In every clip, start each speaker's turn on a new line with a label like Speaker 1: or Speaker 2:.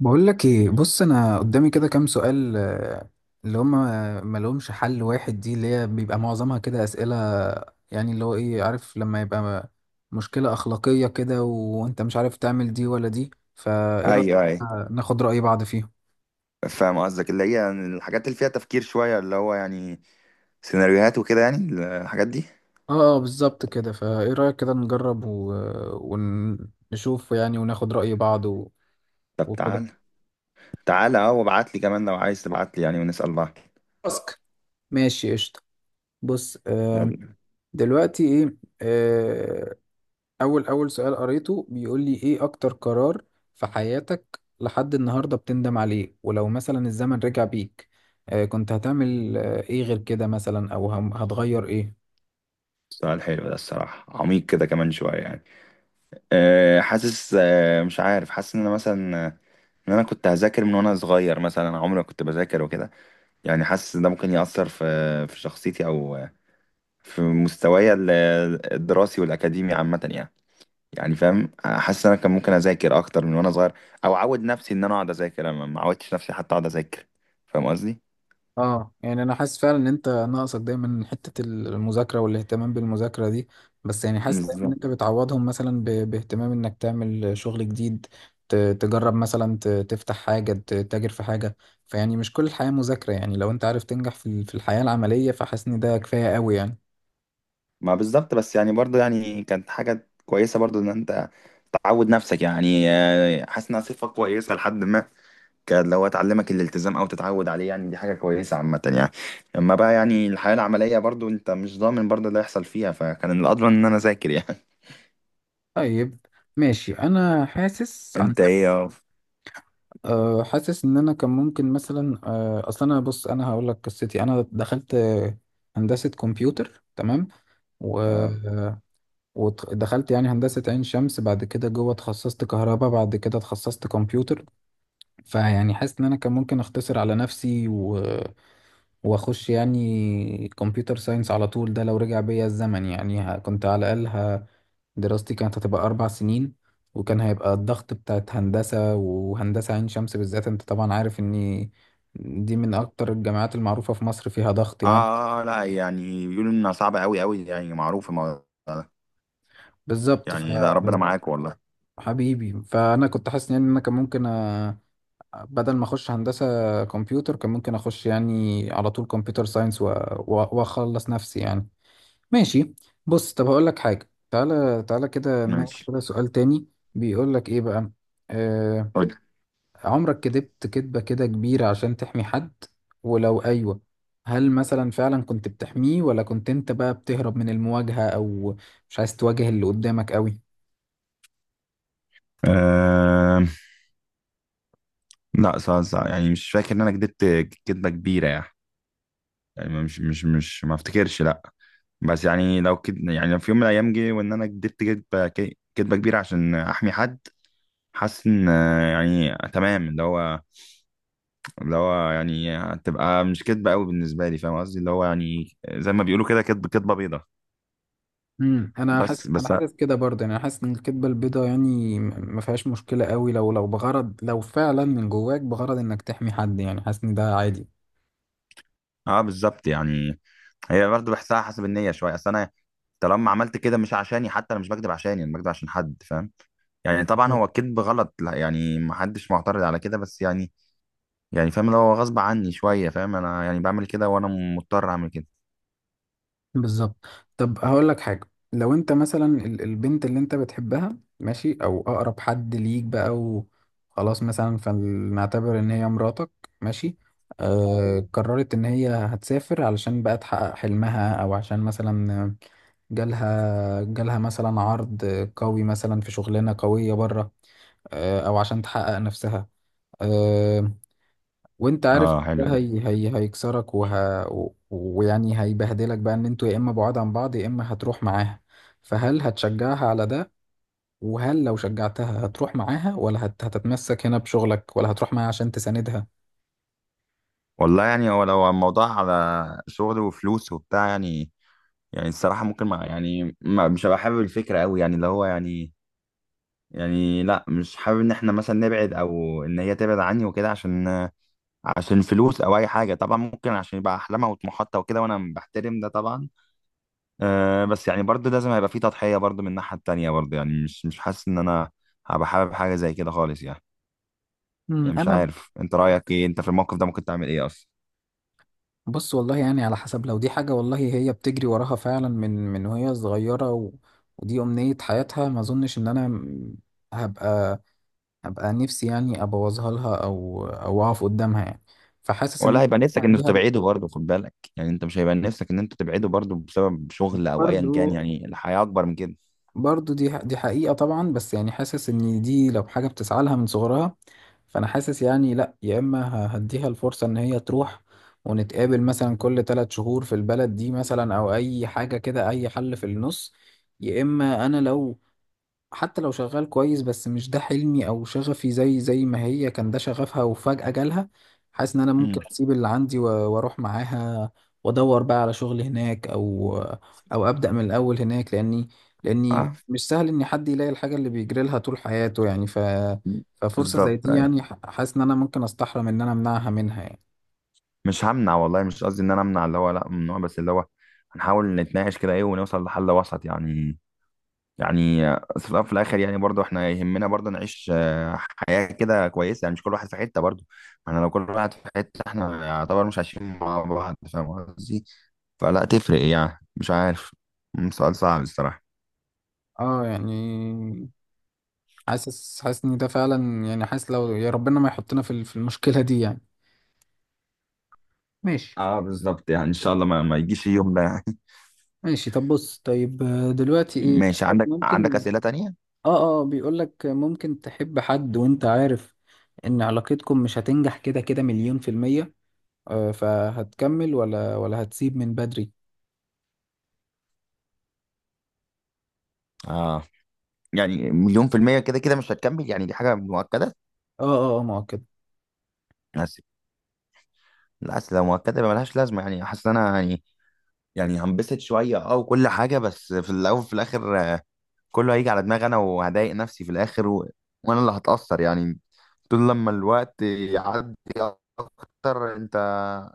Speaker 1: بقول لك ايه، بص انا قدامي كده كام سؤال، اللي هم ما لهمش حل واحد. دي اللي هي بيبقى معظمها كده اسئله يعني، اللي هو ايه؟ عارف لما يبقى مشكله اخلاقيه كده وانت مش عارف تعمل دي ولا دي؟ فايه رايك؟
Speaker 2: ايوه ايوه،
Speaker 1: ناخد راي بعض فيهم.
Speaker 2: فاهم قصدك، اللي هي يعني الحاجات اللي فيها تفكير شويه، اللي هو يعني سيناريوهات وكده يعني الحاجات دي.
Speaker 1: اه بالظبط كده. فايه رايك كده نجرب ونشوف يعني، وناخد راي بعض
Speaker 2: طب
Speaker 1: وكده.
Speaker 2: تعال تعال، وابعت لي كمان لو عايز تبعت لي يعني، ونسال بعض.
Speaker 1: تاسك. ماشي قشطه. بص
Speaker 2: يلا.
Speaker 1: دلوقتي ايه؟ آه، اول سؤال قريته بيقول لي ايه. اكتر قرار في حياتك لحد النهارده بتندم عليه، ولو مثلا الزمن رجع بيك كنت هتعمل ايه غير كده مثلا، او هتغير ايه؟
Speaker 2: سؤال حلو ده الصراحه، عميق كده كمان شويه يعني. حاسس، مش عارف، حاسس ان انا مثلا ان انا كنت هذاكر من وانا صغير مثلا. أنا عمري ما كنت بذاكر وكده، يعني حاسس ان ده ممكن ياثر في شخصيتي، او في مستواي الدراسي والاكاديمي عامه يعني. يعني فاهم، حاسس إن انا كان ممكن اذاكر اكتر من وانا صغير، او اعود نفسي ان انا اقعد اذاكر. انا ما عودتش نفسي حتى اقعد اذاكر، فاهم قصدي؟
Speaker 1: اه يعني انا حاسس فعلا ان انت ناقصك دايما حتة المذاكرة والاهتمام بالمذاكرة دي. بس يعني حاسس دايما ان
Speaker 2: بالظبط
Speaker 1: انت بتعوضهم مثلا باهتمام انك تعمل شغل جديد، تجرب مثلا، تفتح حاجة، تتاجر في حاجة. فيعني مش كل الحياة مذاكرة يعني، لو انت عارف تنجح في في الحياة العملية، فحاسس ان ده كفاية قوي يعني.
Speaker 2: ما بالظبط، بس يعني برضو يعني كانت حاجه كويسه برضو ان انت تعود نفسك يعني، حاسس انها صفه كويسه لحد ما، كان لو تعلمك الالتزام او تتعود عليه يعني دي حاجه كويسه عامه يعني. اما بقى يعني الحياه العمليه برضو انت مش ضامن برضو اللي هيحصل فيها، فكان الأضمن ان انا اذاكر يعني.
Speaker 1: طيب ماشي. انا حاسس عن...
Speaker 2: انت ايه يا
Speaker 1: حاسس ان انا كان ممكن مثلا اصل انا، بص انا هقول لك قصتي. انا دخلت هندسة كمبيوتر تمام. و
Speaker 2: اه
Speaker 1: مم. ودخلت يعني هندسة عين شمس، بعد كده جوه اتخصصت كهرباء، بعد كده اتخصصت كمبيوتر. فيعني حاسس ان انا كان ممكن اختصر على نفسي واخش يعني كمبيوتر ساينس على طول. ده لو رجع بيا الزمن يعني، كنت على الاقل دراستي كانت هتبقى 4 سنين. وكان هيبقى الضغط بتاعت هندسة، وهندسة عين شمس بالذات انت طبعا عارف ان دي من اكتر الجامعات المعروفة في مصر، فيها ضغط يعني.
Speaker 2: لأ، يعني بيقولوا إنها صعبة أوي، أوي يعني، معروف الموضوع ده،
Speaker 1: بالظبط.
Speaker 2: يعني لأ ربنا معاك والله.
Speaker 1: حبيبي، فانا كنت حاسس يعني ان انا كان ممكن بدل ما اخش هندسة كمبيوتر، كان ممكن اخش يعني على طول كمبيوتر ساينس واخلص نفسي يعني. ماشي. بص طب هقول لك حاجة، تعالى كده ناخد
Speaker 2: ماشي
Speaker 1: كده سؤال تاني. بيقول لك ايه بقى. آه
Speaker 2: قُل.
Speaker 1: عمرك كدبت كدبة كده كبيرة عشان تحمي حد؟ ولو ايوه، هل مثلا فعلا كنت بتحميه، ولا كنت انت بقى بتهرب من المواجهة، او مش عايز تواجه اللي قدامك قوي؟
Speaker 2: آمم، لأ، ص ص يعني مش فاكر إن أنا كدبت كدبة كبيرة يعني، يعني مش مش مش ما افتكرش لأ. بس يعني لو يعني لو في يوم من الأيام جه وإن أنا كدبت كدبة كدبة كبيرة عشان أحمي حد، حاسس إن يعني تمام، اللي هو يعني هتبقى مش كدبة أوي بالنسبة لي، فاهم قصدي؟ اللي هو يعني زي ما بيقولوا كده، كدبة بيضا.
Speaker 1: امم، انا حاسس
Speaker 2: بس
Speaker 1: انا
Speaker 2: بس،
Speaker 1: حاسس كده برضه يعني. انا حاسس ان الكدبه البيضاء يعني ما فيهاش مشكله قوي، لو بغرض، لو فعلا من جواك بغرض انك تحمي حد، يعني حاسس ان ده عادي.
Speaker 2: اه بالظبط يعني، هي برضه بحسها حسب النية شوية. اصل انا طالما عملت كده مش عشاني، حتى انا مش بكدب عشاني، انا بكدب عشان حد، فاهم؟ يعني طبعا
Speaker 1: بالظبط.
Speaker 2: هو الكذب غلط، لا يعني، ما حدش معترض على كده، بس يعني، فاهم اللي هو غصب عني شوية، فاهم؟ انا يعني بعمل كده وانا مضطر اعمل كده.
Speaker 1: بالظبط. طب هقول لك حاجه، لو انت مثلا البنت اللي انت بتحبها، ماشي، او اقرب حد ليك بقى وخلاص، مثلا فنعتبر ان هي مراتك، ماشي. قررت ان هي هتسافر علشان بقى تحقق حلمها، او عشان مثلا جالها مثلا عرض قوي مثلا في شغلانة قوية بره، أو عشان تحقق نفسها. آه، وأنت عارف
Speaker 2: اه حلوة
Speaker 1: ده
Speaker 2: دي.
Speaker 1: هي هيكسرك ويعني هيبهدلك بقى، إن أنتوا يا إما بعاد عن بعض يا إما هتروح معاها. فهل هتشجعها على ده؟ وهل لو شجعتها هتروح معاها، ولا هتتمسك هنا بشغلك، ولا هتروح معاها عشان تساندها؟
Speaker 2: والله يعني هو لو الموضوع على شغل وفلوس وبتاع يعني الصراحة ممكن، ما يعني ما مش هبقى حابب الفكرة قوي يعني، اللي هو يعني، لا مش حابب ان احنا مثلا نبعد، او ان هي تبعد عني وكده عشان فلوس او اي حاجه. طبعا ممكن عشان يبقى احلامها وطموحاتها وكده، وانا بحترم ده طبعا. بس يعني برضه لازم هيبقى في تضحيه برضه من الناحيه التانيه برضه، يعني مش حاسس ان انا هبقى حابب حاجه زي كده خالص يعني.
Speaker 1: مم،
Speaker 2: يعني مش
Speaker 1: انا...
Speaker 2: عارف انت رايك ايه، انت في الموقف ده ممكن تعمل ايه اصلا؟
Speaker 1: بص والله يعني على حسب، لو دي حاجة والله هي بتجري وراها فعلا من وهي صغيرة ودي أمنية حياتها، ما أظنش إن أنا هبقى، هبقى نفسي يعني أبوظها لها، أو أقف قدامها يعني. فحاسس إن
Speaker 2: ولا
Speaker 1: أنا
Speaker 2: هيبقى نفسك انك
Speaker 1: هديها.
Speaker 2: تبعده برضه؟ خد بالك يعني، انت مش هيبقى نفسك ان انت تبعده برضه بسبب شغل او ايا كان؟
Speaker 1: برضه
Speaker 2: يعني الحياه اكبر من كده.
Speaker 1: برضو دي حقيقة طبعا، بس يعني حاسس ان دي لو حاجة بتسعى لها من صغرها، فانا حاسس يعني لا، يا اما هديها الفرصة ان هي تروح، ونتقابل مثلا كل 3 شهور في البلد دي مثلا، او اي حاجة كده، اي حل في النص. يا اما انا لو، حتى لو شغال كويس بس مش ده حلمي او شغفي، زي ما هي كان ده شغفها وفجأة جالها، حاسس ان انا ممكن
Speaker 2: امم
Speaker 1: اسيب اللي عندي واروح معاها، وادور بقى على شغل هناك، او او ابدأ من الاول هناك. لاني
Speaker 2: اه
Speaker 1: مش سهل ان حد يلاقي الحاجة اللي بيجري لها طول حياته يعني. ف ففرصة زي
Speaker 2: بالظبط.
Speaker 1: دي يعني، حاسس ان انا ممكن استحرم ان انا امنعها منها يعني.
Speaker 2: مش همنع والله، مش قصدي ان انا امنع، اللي هو لا ممنوع، بس اللي هو هنحاول نتناقش كده ايه، ونوصل لحل وسط يعني. يعني في الأول وفي الاخر يعني برضو احنا يهمنا برضو نعيش حياة كده كويسة. يعني مش كل واحد في حتة برضو، ما احنا لو كل واحد في حتة احنا يعتبر مش عايشين مع بعض، فاهم قصدي؟ فلا تفرق يعني، مش عارف. سؤال صعب الصراحة.
Speaker 1: اه يعني حاسس ان ده فعلا يعني. حاسس لو يا ربنا ما يحطنا في في المشكلة دي يعني. ماشي.
Speaker 2: اه بالظبط يعني، ان شاء الله ما يجيش اليوم ده يعني.
Speaker 1: ماشي طب بص طيب، دلوقتي ايه.
Speaker 2: ماشي، عندك
Speaker 1: ممكن.
Speaker 2: أسئلة تانية؟
Speaker 1: اه اه، بيقول لك ممكن تحب حد وانت عارف ان علاقتكم مش هتنجح كده كده مليون في المية؟ فهتكمل ولا هتسيب من بدري؟
Speaker 2: اه يعني، مليون في المية كده كده مش هتكمل يعني، دي حاجة مؤكدة.
Speaker 1: اه اه ما هو كده.
Speaker 2: الاصل لو مؤكده يبقى ملهاش لازمه، يعني حاسس ان انا يعني هنبسط شويه اه وكل حاجه، بس في الاول وفي الاخر كله هيجي على دماغي انا، وهضايق نفسي في الاخر وانا اللي هتاثر يعني. طول لما الوقت يعدي اكتر، انت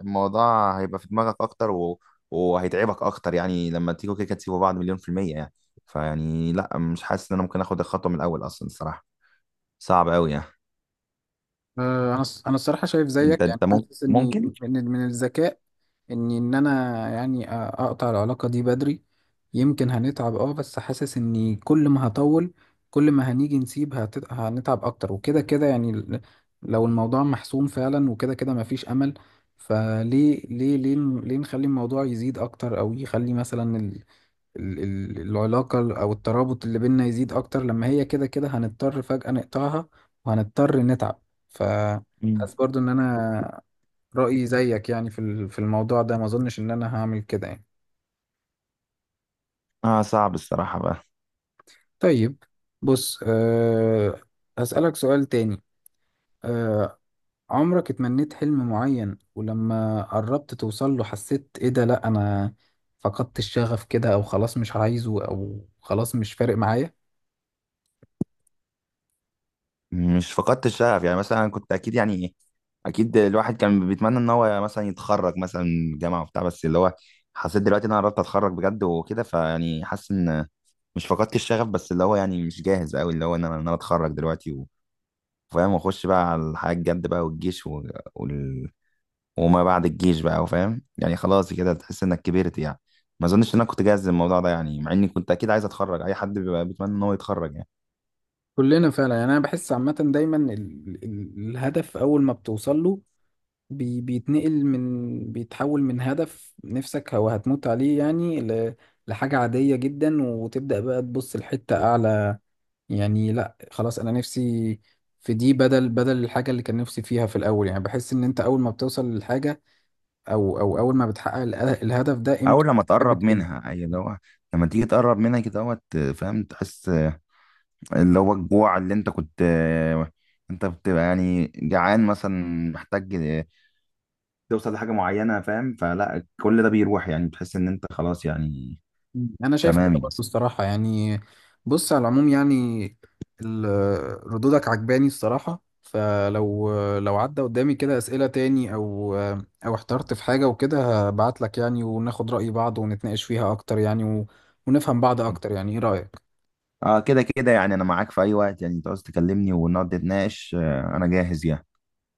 Speaker 2: الموضوع هيبقى في دماغك اكتر وهيتعبك اكتر يعني لما تيجوا كده كده تسيبوا بعض مليون في المية يعني. فيعني لا، مش حاسس ان انا ممكن اخد الخطوة من الاول اصلا، الصراحة صعب قوي يعني.
Speaker 1: انا انا الصراحه شايف زيك يعني.
Speaker 2: انت
Speaker 1: حاسس اني
Speaker 2: ممكن.
Speaker 1: من الذكاء اني، ان انا يعني اقطع العلاقه دي بدري. يمكن هنتعب اه، بس حاسس اني كل ما هطول، كل ما هنيجي نسيب هنتعب اكتر. وكده كده يعني، لو الموضوع محسوم فعلا وكده كده مفيش امل، فليه ليه ليه ليه نخلي الموضوع يزيد اكتر، او يخلي مثلا العلاقة أو الترابط اللي بينا يزيد أكتر، لما هي كده كده هنضطر فجأة نقطعها، وهنضطر نتعب.
Speaker 2: مم.
Speaker 1: فحاسس برضو إن أنا رأيي زيك يعني في في الموضوع ده. ما أظنش إن أنا هعمل كده يعني.
Speaker 2: اه صعب الصراحة.
Speaker 1: طيب بص أه، هسألك سؤال تاني. أه عمرك اتمنيت حلم معين، ولما قربت توصل له حسيت إيه ده؟ لأ أنا فقدت الشغف كده، أو خلاص مش عايزه، أو خلاص مش فارق معايا؟
Speaker 2: مش فقدت الشغف يعني، مثلا كنت اكيد يعني، اكيد الواحد كان بيتمنى ان هو مثلا يتخرج مثلا من الجامعه وبتاع، بس اللي هو حسيت دلوقتي ان انا قربت اتخرج بجد وكده، فيعني حاسس ان مش فقدت الشغف، بس اللي هو يعني مش جاهز قوي، اللي هو ان انا اتخرج دلوقتي وفاهم، واخش بقى على الحياه الجد بقى، والجيش وال... وما بعد الجيش بقى، وفاهم يعني، خلاص كده تحس انك كبرت يعني. ما اظنش ان انا كنت جاهز للموضوع ده يعني، مع اني كنت اكيد عايز اتخرج، اي حد بيبقى بيتمنى ان هو يتخرج يعني.
Speaker 1: كلنا فعلا يعني. انا بحس عامه دايما الهدف اول ما بتوصل له، بيتنقل من، بيتحول من هدف نفسك او هتموت عليه يعني لحاجه عاديه جدا. وتبدا بقى تبص لحته اعلى يعني. لا خلاص انا نفسي في دي، بدل الحاجه اللي كان نفسي فيها في الاول يعني. بحس ان انت اول ما بتوصل للحاجه، او او اول ما بتحقق الهدف ده،
Speaker 2: او
Speaker 1: قيمته
Speaker 2: لما تقرب
Speaker 1: بتقل.
Speaker 2: منها، اي اللي هو لما تيجي تقرب منها كده، اهوت فاهم، تحس اللي هو الجوع اللي انت كنت، انت بتبقى يعني جعان مثلا، محتاج توصل لحاجه معينه، فاهم؟ فلا، كل ده بيروح يعني، بتحس ان انت خلاص يعني،
Speaker 1: انا شايف
Speaker 2: تمام
Speaker 1: كده
Speaker 2: يعني.
Speaker 1: برضه الصراحه يعني. بص على العموم يعني، ردودك عجباني الصراحه. فلو عدى قدامي كده اسئله تاني، او او احترت في حاجه وكده، هبعت لك يعني وناخد راي بعض ونتناقش فيها اكتر يعني ونفهم بعض اكتر يعني. ايه رايك؟
Speaker 2: اه كده كده يعني انا معاك في اي وقت، يعني انت عاوز تكلمني ونقعد نتناقش، انا جاهز يعني.